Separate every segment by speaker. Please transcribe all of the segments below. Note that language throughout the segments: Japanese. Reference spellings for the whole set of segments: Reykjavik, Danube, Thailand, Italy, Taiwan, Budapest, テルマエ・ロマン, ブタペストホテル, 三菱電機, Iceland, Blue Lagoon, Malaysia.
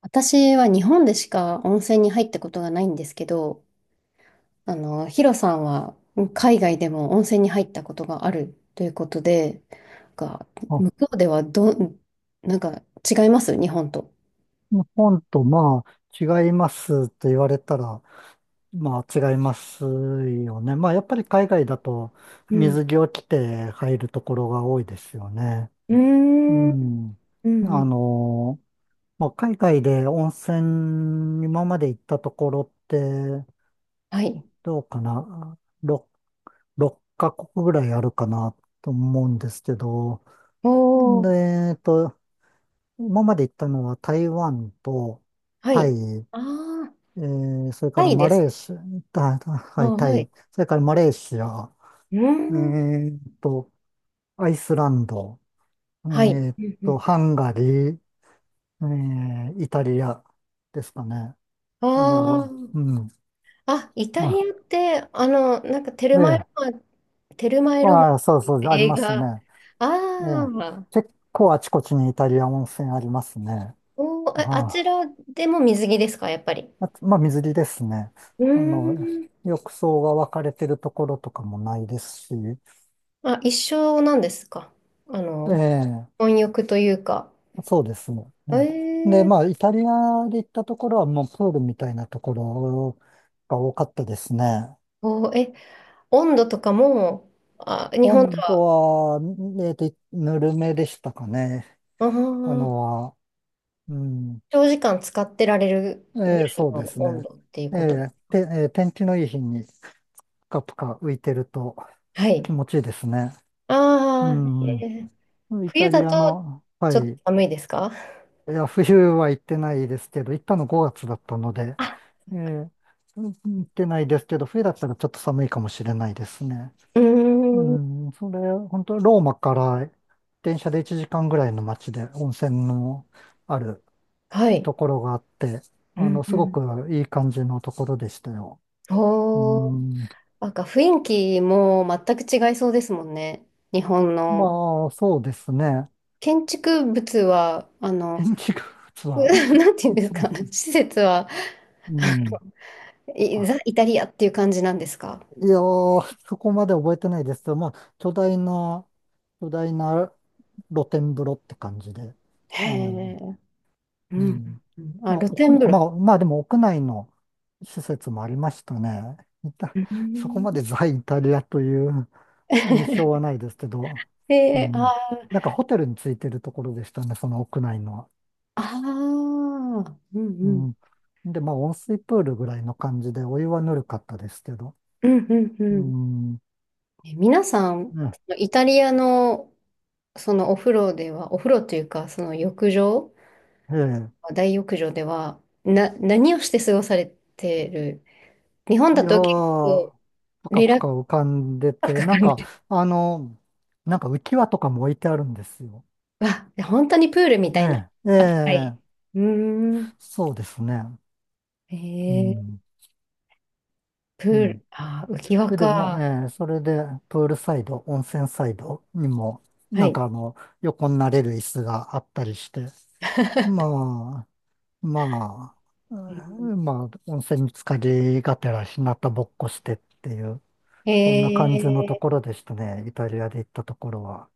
Speaker 1: 私は日本でしか温泉に入ったことがないんですけど、ヒロさんは海外でも温泉に入ったことがあるということで、が、
Speaker 2: あ、
Speaker 1: 向こうではなんか違います日本と？
Speaker 2: 日本とまあ違いますと言われたら、まあ違いますよね。まあやっぱり海外だと
Speaker 1: うん。
Speaker 2: 水着を着て入るところが多いですよね。
Speaker 1: うー
Speaker 2: う
Speaker 1: ん。うん
Speaker 2: ん。
Speaker 1: う
Speaker 2: あ
Speaker 1: ん。
Speaker 2: の、海外で温泉、今まで行ったところって
Speaker 1: はい。
Speaker 2: どうかな。6、6カ国ぐらいあるかなと思うんですけど。
Speaker 1: お
Speaker 2: で、
Speaker 1: ー。
Speaker 2: えっと、今まで行ったのは台湾と
Speaker 1: は
Speaker 2: タ
Speaker 1: い。
Speaker 2: イ、
Speaker 1: ああ。
Speaker 2: それか
Speaker 1: タ
Speaker 2: ら
Speaker 1: イ
Speaker 2: マ
Speaker 1: で
Speaker 2: レ
Speaker 1: す。
Speaker 2: ーシア、
Speaker 1: あ
Speaker 2: はい、タ
Speaker 1: はい。
Speaker 2: イ、それからマレーシア、
Speaker 1: うー
Speaker 2: え
Speaker 1: ん。うん
Speaker 2: ーっと、アイスランド、え
Speaker 1: はい。
Speaker 2: ーっ
Speaker 1: うんうん。
Speaker 2: ハンガリー、えイタリアですかね。
Speaker 1: あ
Speaker 2: う
Speaker 1: あ。
Speaker 2: ん。
Speaker 1: あ、イタリ
Speaker 2: あ、
Speaker 1: アって、なんか
Speaker 2: ええ、
Speaker 1: テルマエ・ロマンっ
Speaker 2: ああ、そう
Speaker 1: ていう
Speaker 2: そう、あり
Speaker 1: 映
Speaker 2: ます
Speaker 1: 画。
Speaker 2: ね。え
Speaker 1: あ
Speaker 2: え、
Speaker 1: あ、
Speaker 2: 結構あちこちにイタリア温泉ありますね。
Speaker 1: おー、あち
Speaker 2: は
Speaker 1: らでも水着ですか、やっぱり？
Speaker 2: あ、あとまあ、水着ですね。
Speaker 1: うー
Speaker 2: あの、
Speaker 1: ん。
Speaker 2: 浴槽が分かれてるところとかもないですし、
Speaker 1: あ、一緒なんですか？あの、
Speaker 2: ええ、
Speaker 1: 混浴というか。
Speaker 2: そうですね。うん、で、
Speaker 1: え
Speaker 2: ま
Speaker 1: ー、
Speaker 2: あ、イタリアで行ったところはもうプールみたいなところが多かったですね。
Speaker 1: おー、温度とかも、あ、日本と
Speaker 2: 温度
Speaker 1: は、
Speaker 2: は、ぬるめでしたかね。
Speaker 1: あ
Speaker 2: あ
Speaker 1: ー、
Speaker 2: のは、うん。
Speaker 1: 長時間使ってられるぐら
Speaker 2: ええ、
Speaker 1: い
Speaker 2: そうで
Speaker 1: の
Speaker 2: す
Speaker 1: 温
Speaker 2: ね。
Speaker 1: 度っていうこと？
Speaker 2: ええ、天気のいい日にぷかぷか浮いてると
Speaker 1: はい。
Speaker 2: 気持ちいいですね。う
Speaker 1: ああ、
Speaker 2: ん。イ
Speaker 1: 冬
Speaker 2: タ
Speaker 1: だ
Speaker 2: リア
Speaker 1: と
Speaker 2: の、
Speaker 1: ち
Speaker 2: は
Speaker 1: ょっと
Speaker 2: い。
Speaker 1: 寒いですか
Speaker 2: いや、冬は行ってないですけど、行ったの5月だったので、
Speaker 1: あ？
Speaker 2: えーうん、行ってないですけど、冬だったらちょっと寒いかもしれないですね。
Speaker 1: う
Speaker 2: う
Speaker 1: ーん。
Speaker 2: ん、それ、本当ローマから電車で1時間ぐらいの街で温泉のある
Speaker 1: はい。
Speaker 2: ところがあって、
Speaker 1: うんう
Speaker 2: すご
Speaker 1: ん
Speaker 2: くいい感じのところでしたよ。う
Speaker 1: おー、
Speaker 2: ん、
Speaker 1: なんか雰囲気も全く違いそうですもんね。日本の
Speaker 2: まあ、そうですね。
Speaker 1: 建築物は、
Speaker 2: 天気が、実
Speaker 1: う
Speaker 2: は、
Speaker 1: なんていうんですか、施設は、
Speaker 2: うん、
Speaker 1: ザ・イタリアっていう感じなんですか？
Speaker 2: いやー、そこまで覚えてないですけど、まあ、巨大な露天風呂って感じで。
Speaker 1: へ
Speaker 2: うん。
Speaker 1: え、う
Speaker 2: う
Speaker 1: ん。
Speaker 2: ん。
Speaker 1: うんあ、露天風
Speaker 2: ま
Speaker 1: 呂。
Speaker 2: あ、でも屋内の施設もありましたね。いた
Speaker 1: う
Speaker 2: そこ
Speaker 1: ん
Speaker 2: までザ・イタリアという印象は ないですけど、う
Speaker 1: えー、
Speaker 2: ん。
Speaker 1: あー、
Speaker 2: なんかホテルについてるところでしたね、その屋内のは。
Speaker 1: あー、う
Speaker 2: う
Speaker 1: ん
Speaker 2: ん。
Speaker 1: あ
Speaker 2: で、まあ、温水プールぐらいの感じで、お湯はぬるかったですけど。
Speaker 1: 露天風呂うん ーあーあーうんう
Speaker 2: う
Speaker 1: んうん。
Speaker 2: ん。
Speaker 1: 皆さん、
Speaker 2: ね
Speaker 1: イタリアのそのお風呂では、お風呂というか、その浴場
Speaker 2: ええ。
Speaker 1: 大浴場では、何をして過ごされてる？日本
Speaker 2: い
Speaker 1: だ
Speaker 2: や
Speaker 1: と結
Speaker 2: ー、
Speaker 1: 構、
Speaker 2: ぷか
Speaker 1: リラ
Speaker 2: ぷ
Speaker 1: ッ
Speaker 2: か
Speaker 1: ク
Speaker 2: 浮かんで
Speaker 1: ス
Speaker 2: て、
Speaker 1: か
Speaker 2: な
Speaker 1: か
Speaker 2: ん
Speaker 1: るん
Speaker 2: か、
Speaker 1: で、
Speaker 2: あの、なんか浮き輪とかも置いてあるんですよ。
Speaker 1: わ、本当にプールみ
Speaker 2: え
Speaker 1: たいな
Speaker 2: え、え
Speaker 1: 扱
Speaker 2: え、
Speaker 1: い。うーん。
Speaker 2: そうですね。う
Speaker 1: えー、
Speaker 2: ん、
Speaker 1: プー
Speaker 2: うん。
Speaker 1: ル、浮き
Speaker 2: そ
Speaker 1: 輪
Speaker 2: れで、ま、
Speaker 1: か。
Speaker 2: それで、プールサイド、温泉サイドにも、
Speaker 1: は
Speaker 2: なん
Speaker 1: い。
Speaker 2: か、横になれる椅子があったりして、まあ、ま
Speaker 1: うん
Speaker 2: まあ、温泉に浸かりがてら、日向ぼっこしてっていう、
Speaker 1: え
Speaker 2: そんな感じのとこ
Speaker 1: ー、
Speaker 2: ろでしたね、イタリアで行ったところは。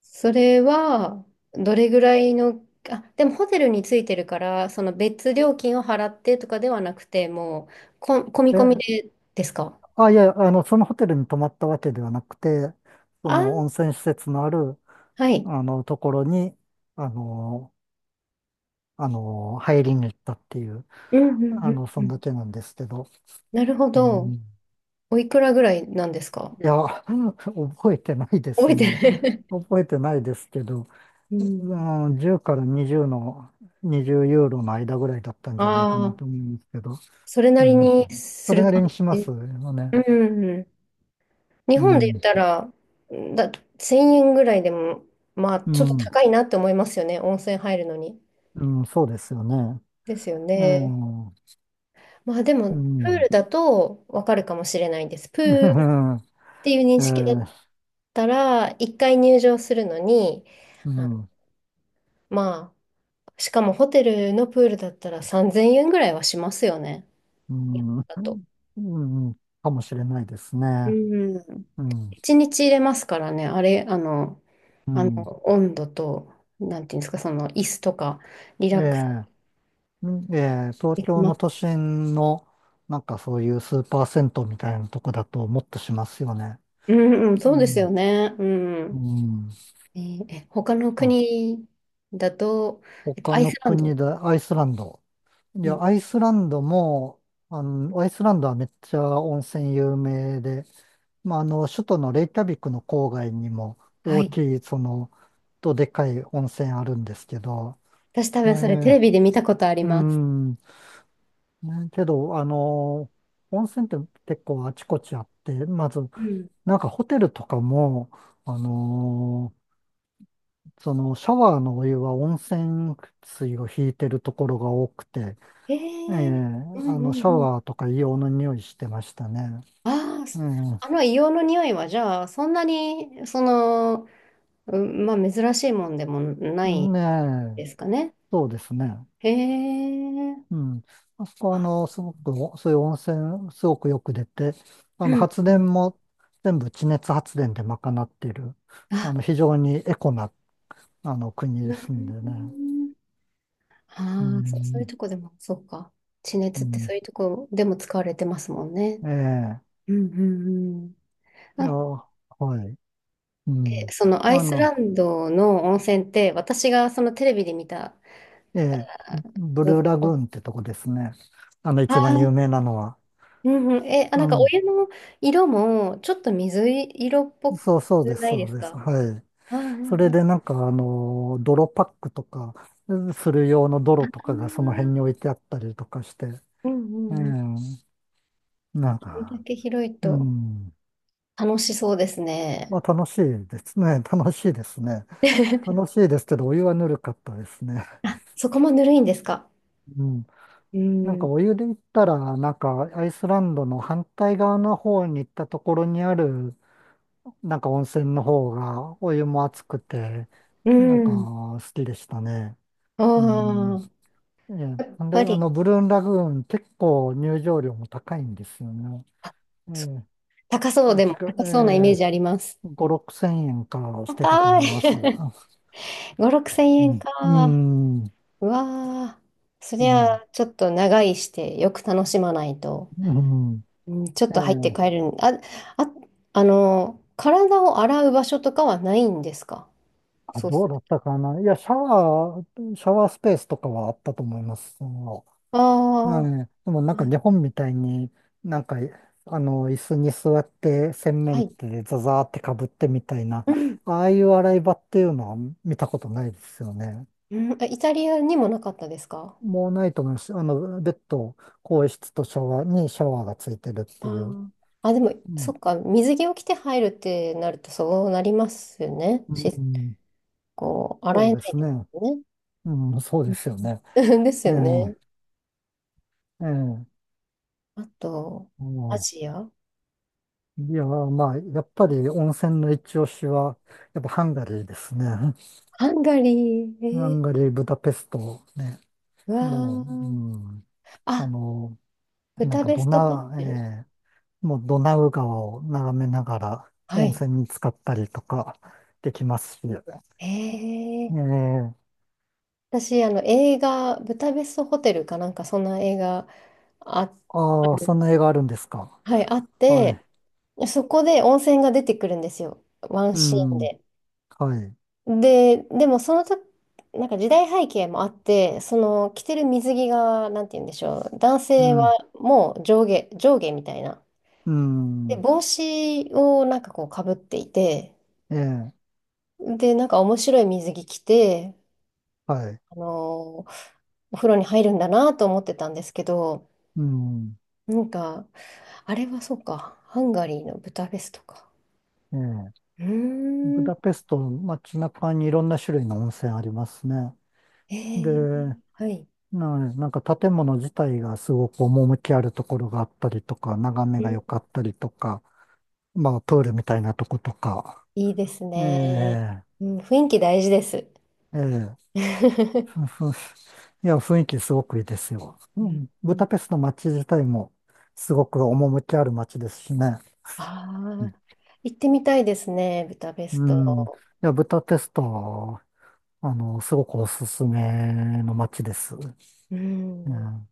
Speaker 1: それは、どれぐらいの、あ、でもホテルについてるから、その別料金を払ってとかではなくて、もう、込み
Speaker 2: え、
Speaker 1: 込みでですか？
Speaker 2: あ、いや、そのホテルに泊まったわけではなくて、そ
Speaker 1: あ、
Speaker 2: の温泉施設のある、
Speaker 1: はい。
Speaker 2: ところに、あの、入りに行ったっていう、
Speaker 1: うんうんうんう
Speaker 2: そんだ
Speaker 1: ん。
Speaker 2: けなんですけど、
Speaker 1: なるほ
Speaker 2: う
Speaker 1: ど。
Speaker 2: ん、い
Speaker 1: おいくらぐらいなんですか？
Speaker 2: や、覚えてないで
Speaker 1: 覚
Speaker 2: す
Speaker 1: えて
Speaker 2: ね。
Speaker 1: る
Speaker 2: 覚えてないですけど、
Speaker 1: うん。
Speaker 2: うん、10から20の、20ユーロの間ぐらいだった んじゃないか
Speaker 1: あ
Speaker 2: な
Speaker 1: あ、
Speaker 2: と思うんですけど、
Speaker 1: それな
Speaker 2: う
Speaker 1: り
Speaker 2: ん、
Speaker 1: にす
Speaker 2: それ
Speaker 1: る
Speaker 2: なり
Speaker 1: 感
Speaker 2: にしま
Speaker 1: じ。
Speaker 2: すよね。
Speaker 1: うん日
Speaker 2: う
Speaker 1: 本で言っ
Speaker 2: ん、
Speaker 1: たら、だ、1000円ぐらいでも、まあ、
Speaker 2: う
Speaker 1: ちょっと
Speaker 2: ん、
Speaker 1: 高いなって思いますよね。温泉入るのに。
Speaker 2: うん、そうですよね。
Speaker 1: ですよ
Speaker 2: え
Speaker 1: ね。
Speaker 2: え、
Speaker 1: まあ、でも、
Speaker 2: う
Speaker 1: プー
Speaker 2: ん、
Speaker 1: ルだとわかるかもしれないです。プール
Speaker 2: え
Speaker 1: っていう認
Speaker 2: え、
Speaker 1: 識だっ
Speaker 2: ええ、
Speaker 1: たら、1回入場するのに、あの
Speaker 2: うん、ええ、
Speaker 1: まあ、しかもホテルのプールだったら3000円ぐらいはしますよね。
Speaker 2: うん、
Speaker 1: だと。
Speaker 2: うん、かもしれないです
Speaker 1: う
Speaker 2: ね。
Speaker 1: ん。
Speaker 2: うん、
Speaker 1: 一日入れますからね、あれ、あの、
Speaker 2: う
Speaker 1: あの、
Speaker 2: ん。
Speaker 1: 温度と、なんていうんですか、その、椅子とか、リ
Speaker 2: え
Speaker 1: ラックス
Speaker 2: え、うん、ええ、東
Speaker 1: でき
Speaker 2: 京
Speaker 1: ま
Speaker 2: の都
Speaker 1: す。
Speaker 2: 心の、なんかそういうスーパー銭湯みたいなとこだともっとしますよね。
Speaker 1: うんうん、
Speaker 2: う
Speaker 1: そうです
Speaker 2: ん、
Speaker 1: よね。う
Speaker 2: う
Speaker 1: ん。
Speaker 2: ん。
Speaker 1: えーえ他の
Speaker 2: あ、
Speaker 1: 国だと、
Speaker 2: 他
Speaker 1: アイ
Speaker 2: の
Speaker 1: スランド。
Speaker 2: 国でアイスランド。い
Speaker 1: うん、
Speaker 2: や、アイスランドも、アイスランドはめっちゃ温泉有名で、まあ、首都のレイキャビクの郊外にも
Speaker 1: は
Speaker 2: 大
Speaker 1: い。
Speaker 2: きい、その、とでかい温泉あるんですけど、
Speaker 1: 私多
Speaker 2: え
Speaker 1: 分それテレ
Speaker 2: ー、
Speaker 1: ビで見たことあり
Speaker 2: う
Speaker 1: ます。
Speaker 2: ん、ねけど、温泉って結構あちこちあって、まず、
Speaker 1: うん。
Speaker 2: なんかホテルとかも、あのそのシャワーのお湯は温泉水を引いてるところが多くて、
Speaker 1: えー、うんう
Speaker 2: シ
Speaker 1: ん
Speaker 2: ャ
Speaker 1: うん。
Speaker 2: ワーとか硫黄の匂いしてましたね。
Speaker 1: ああ、
Speaker 2: う
Speaker 1: あの硫黄の匂いは、じゃあ、そんなに、その、うん、まあ、珍しいもんでもな
Speaker 2: ん、
Speaker 1: い
Speaker 2: ねえ、
Speaker 1: ですかね？
Speaker 2: そうですね。
Speaker 1: へえ。
Speaker 2: うん。あそこは、
Speaker 1: あ、
Speaker 2: すごくお、そういう温泉、すごくよく出て、
Speaker 1: うん
Speaker 2: 発
Speaker 1: うん
Speaker 2: 電も全部地熱発電で賄っている、
Speaker 1: あ、
Speaker 2: 非常にエコな、国
Speaker 1: う
Speaker 2: ですんでね。
Speaker 1: ん。
Speaker 2: う
Speaker 1: ああ、そういう
Speaker 2: ん、
Speaker 1: とこでも、そうか。地
Speaker 2: う
Speaker 1: 熱ってそ
Speaker 2: ん、
Speaker 1: ういうとこでも使われてますもんね。
Speaker 2: え
Speaker 1: うんうんうん
Speaker 2: え、い
Speaker 1: な
Speaker 2: や、
Speaker 1: ん
Speaker 2: はい、う
Speaker 1: で、
Speaker 2: ん。
Speaker 1: そのアイ
Speaker 2: あ
Speaker 1: スラ
Speaker 2: の、
Speaker 1: ンドの温泉って、私がそのテレビで見た
Speaker 2: ええ、
Speaker 1: あ
Speaker 2: ブ
Speaker 1: の
Speaker 2: ルー
Speaker 1: だ
Speaker 2: ラ
Speaker 1: と、
Speaker 2: グーンってとこですね。
Speaker 1: あー
Speaker 2: 一番有名なのは。
Speaker 1: うんうん、あ、
Speaker 2: う
Speaker 1: なんかお
Speaker 2: ん、
Speaker 1: 湯の色もちょっと水色っぽく
Speaker 2: そうそうです、
Speaker 1: ない
Speaker 2: そ
Speaker 1: で
Speaker 2: う
Speaker 1: す
Speaker 2: です。
Speaker 1: か
Speaker 2: はい。
Speaker 1: あー？う
Speaker 2: そ
Speaker 1: ん
Speaker 2: れ
Speaker 1: うん、
Speaker 2: でなんかあの、泥パックとか、する用の泥とかがその辺に置いてあったりとかして、
Speaker 1: うんう
Speaker 2: う
Speaker 1: んうん、こ
Speaker 2: ん、なん
Speaker 1: れだ
Speaker 2: か、
Speaker 1: け広い
Speaker 2: う
Speaker 1: と
Speaker 2: ん、
Speaker 1: 楽しそうです
Speaker 2: まあ、
Speaker 1: ね。
Speaker 2: 楽しいですね。楽しいですね。楽 しいですけど、お湯はぬるかったですね。
Speaker 1: あ、そこもぬるいんですか？
Speaker 2: うん。
Speaker 1: う
Speaker 2: なんか
Speaker 1: ん。
Speaker 2: お湯で行ったら、なんかアイスランドの反対側の方に行ったところにある、なんか温泉の方がお湯も熱くて、
Speaker 1: う
Speaker 2: なんか
Speaker 1: ん。
Speaker 2: 好きでしたね。うん。
Speaker 1: ああ、
Speaker 2: え
Speaker 1: やっ
Speaker 2: え、んで、
Speaker 1: ぱり、
Speaker 2: ブルーンラグーン、結構入場料も高いんですよね。
Speaker 1: あ
Speaker 2: え
Speaker 1: そ
Speaker 2: え、
Speaker 1: 高そうでも、
Speaker 2: 確か、
Speaker 1: 高そうなイメー
Speaker 2: え
Speaker 1: ジあります。
Speaker 2: え、5、6千円かしてたと
Speaker 1: 高
Speaker 2: 思
Speaker 1: い。
Speaker 2: います。あ、
Speaker 1: 5、6千
Speaker 2: う
Speaker 1: 円か。
Speaker 2: ん、うん、
Speaker 1: うわーそ
Speaker 2: う
Speaker 1: りゃ、
Speaker 2: ん、
Speaker 1: ちょっと長居して、よく楽しまないと、
Speaker 2: うん。
Speaker 1: うん、ちょっ
Speaker 2: え
Speaker 1: と入って
Speaker 2: え、
Speaker 1: 帰るん。あ、あ、体を洗う場所とかはないんですか？
Speaker 2: あ、
Speaker 1: そう
Speaker 2: ど
Speaker 1: す
Speaker 2: う
Speaker 1: る。
Speaker 2: だったかな。いや、シャワースペースとかはあったと思います。
Speaker 1: ああ、
Speaker 2: は
Speaker 1: は
Speaker 2: い。でもなんか日
Speaker 1: い。
Speaker 2: 本みたいに、なんか、椅子に座って洗
Speaker 1: は
Speaker 2: 面器
Speaker 1: い
Speaker 2: でザザーってかぶってみたいな、
Speaker 1: うん。
Speaker 2: ああいう洗い場っていうのは見たことないですよね。
Speaker 1: うん、あイタリアにもなかったですか
Speaker 2: もうないと思います。あの、ベッド、更衣室とシャワーにシャワーがついてるっ
Speaker 1: あ
Speaker 2: ていう。
Speaker 1: ー？あ、でも、
Speaker 2: う
Speaker 1: そ
Speaker 2: ん。
Speaker 1: っか、水着を着て入るってなるとそうなりますよね。
Speaker 2: うん、
Speaker 1: こう、洗
Speaker 2: そう
Speaker 1: え
Speaker 2: で
Speaker 1: ない
Speaker 2: す
Speaker 1: です
Speaker 2: ね。
Speaker 1: よね。
Speaker 2: うん、そうですよね。
Speaker 1: うん です
Speaker 2: ええ、
Speaker 1: よね。
Speaker 2: ええ。
Speaker 1: あと、
Speaker 2: う
Speaker 1: ア
Speaker 2: ん、
Speaker 1: ジア
Speaker 2: いや、まあ、やっぱり温泉の一押しは、やっぱハンガリーですね。
Speaker 1: ハンガリ
Speaker 2: ハ
Speaker 1: ー、
Speaker 2: ンガリー、ブダペストね。
Speaker 1: うわ
Speaker 2: もう、う
Speaker 1: ー。
Speaker 2: ん、あ
Speaker 1: あ、
Speaker 2: の、
Speaker 1: ブ
Speaker 2: なん
Speaker 1: タ
Speaker 2: か
Speaker 1: ベ
Speaker 2: ド
Speaker 1: ストホテル。
Speaker 2: ナ、えー、もうドナウ川を眺めながら
Speaker 1: は
Speaker 2: 温
Speaker 1: い。
Speaker 2: 泉に浸かったりとかできますし、え
Speaker 1: えー、
Speaker 2: え、
Speaker 1: 私、映画、ブタベストホテルかなんか、そんな映画あ、あ
Speaker 2: ああ、
Speaker 1: る
Speaker 2: そんな映画あるんですか。
Speaker 1: はい、あっ
Speaker 2: は
Speaker 1: て、
Speaker 2: い。
Speaker 1: そこで温泉が出てくるんですよ。ワン
Speaker 2: う
Speaker 1: シーン
Speaker 2: ん、
Speaker 1: で。
Speaker 2: はい。
Speaker 1: で、でもそのと、なんか時代背景もあって、その着てる水着が、なんて言うんでしょう、男
Speaker 2: う
Speaker 1: 性は
Speaker 2: ん、
Speaker 1: もう上下、上下みたいな。
Speaker 2: う
Speaker 1: で、
Speaker 2: ん、
Speaker 1: 帽子をなんかこうかぶっていて、
Speaker 2: ええ、
Speaker 1: で、なんか面白い水着着て、
Speaker 2: はい。
Speaker 1: あのーお風呂に入るんだなと思ってたんですけど、
Speaker 2: うん、
Speaker 1: なんか、あれはそうか、ハンガリーのブタフェストか。
Speaker 2: ええ、
Speaker 1: う
Speaker 2: ブ
Speaker 1: ーん、
Speaker 2: ダペスト、街中にいろんな種類の温泉ありますね。
Speaker 1: え
Speaker 2: で、
Speaker 1: ー、はい、
Speaker 2: なんか建物自体がすごく趣あるところがあったりとか、眺めが良かったりとか、まあプールみたいなとことか、
Speaker 1: いいです
Speaker 2: え
Speaker 1: ね。
Speaker 2: え、
Speaker 1: うん、雰囲気大事です。
Speaker 2: ええ、ふ んふん、いや、雰囲気すごくいいですよ。
Speaker 1: う
Speaker 2: うん、ブ
Speaker 1: ん
Speaker 2: ダペストの街自体もすごく趣ある街ですしね。
Speaker 1: あ
Speaker 2: う
Speaker 1: ー行ってみたいですね、ブダペス
Speaker 2: ん、うん、い
Speaker 1: ト。
Speaker 2: や、ブダペストは、すごくおすすめの街です。う
Speaker 1: うん。
Speaker 2: ん。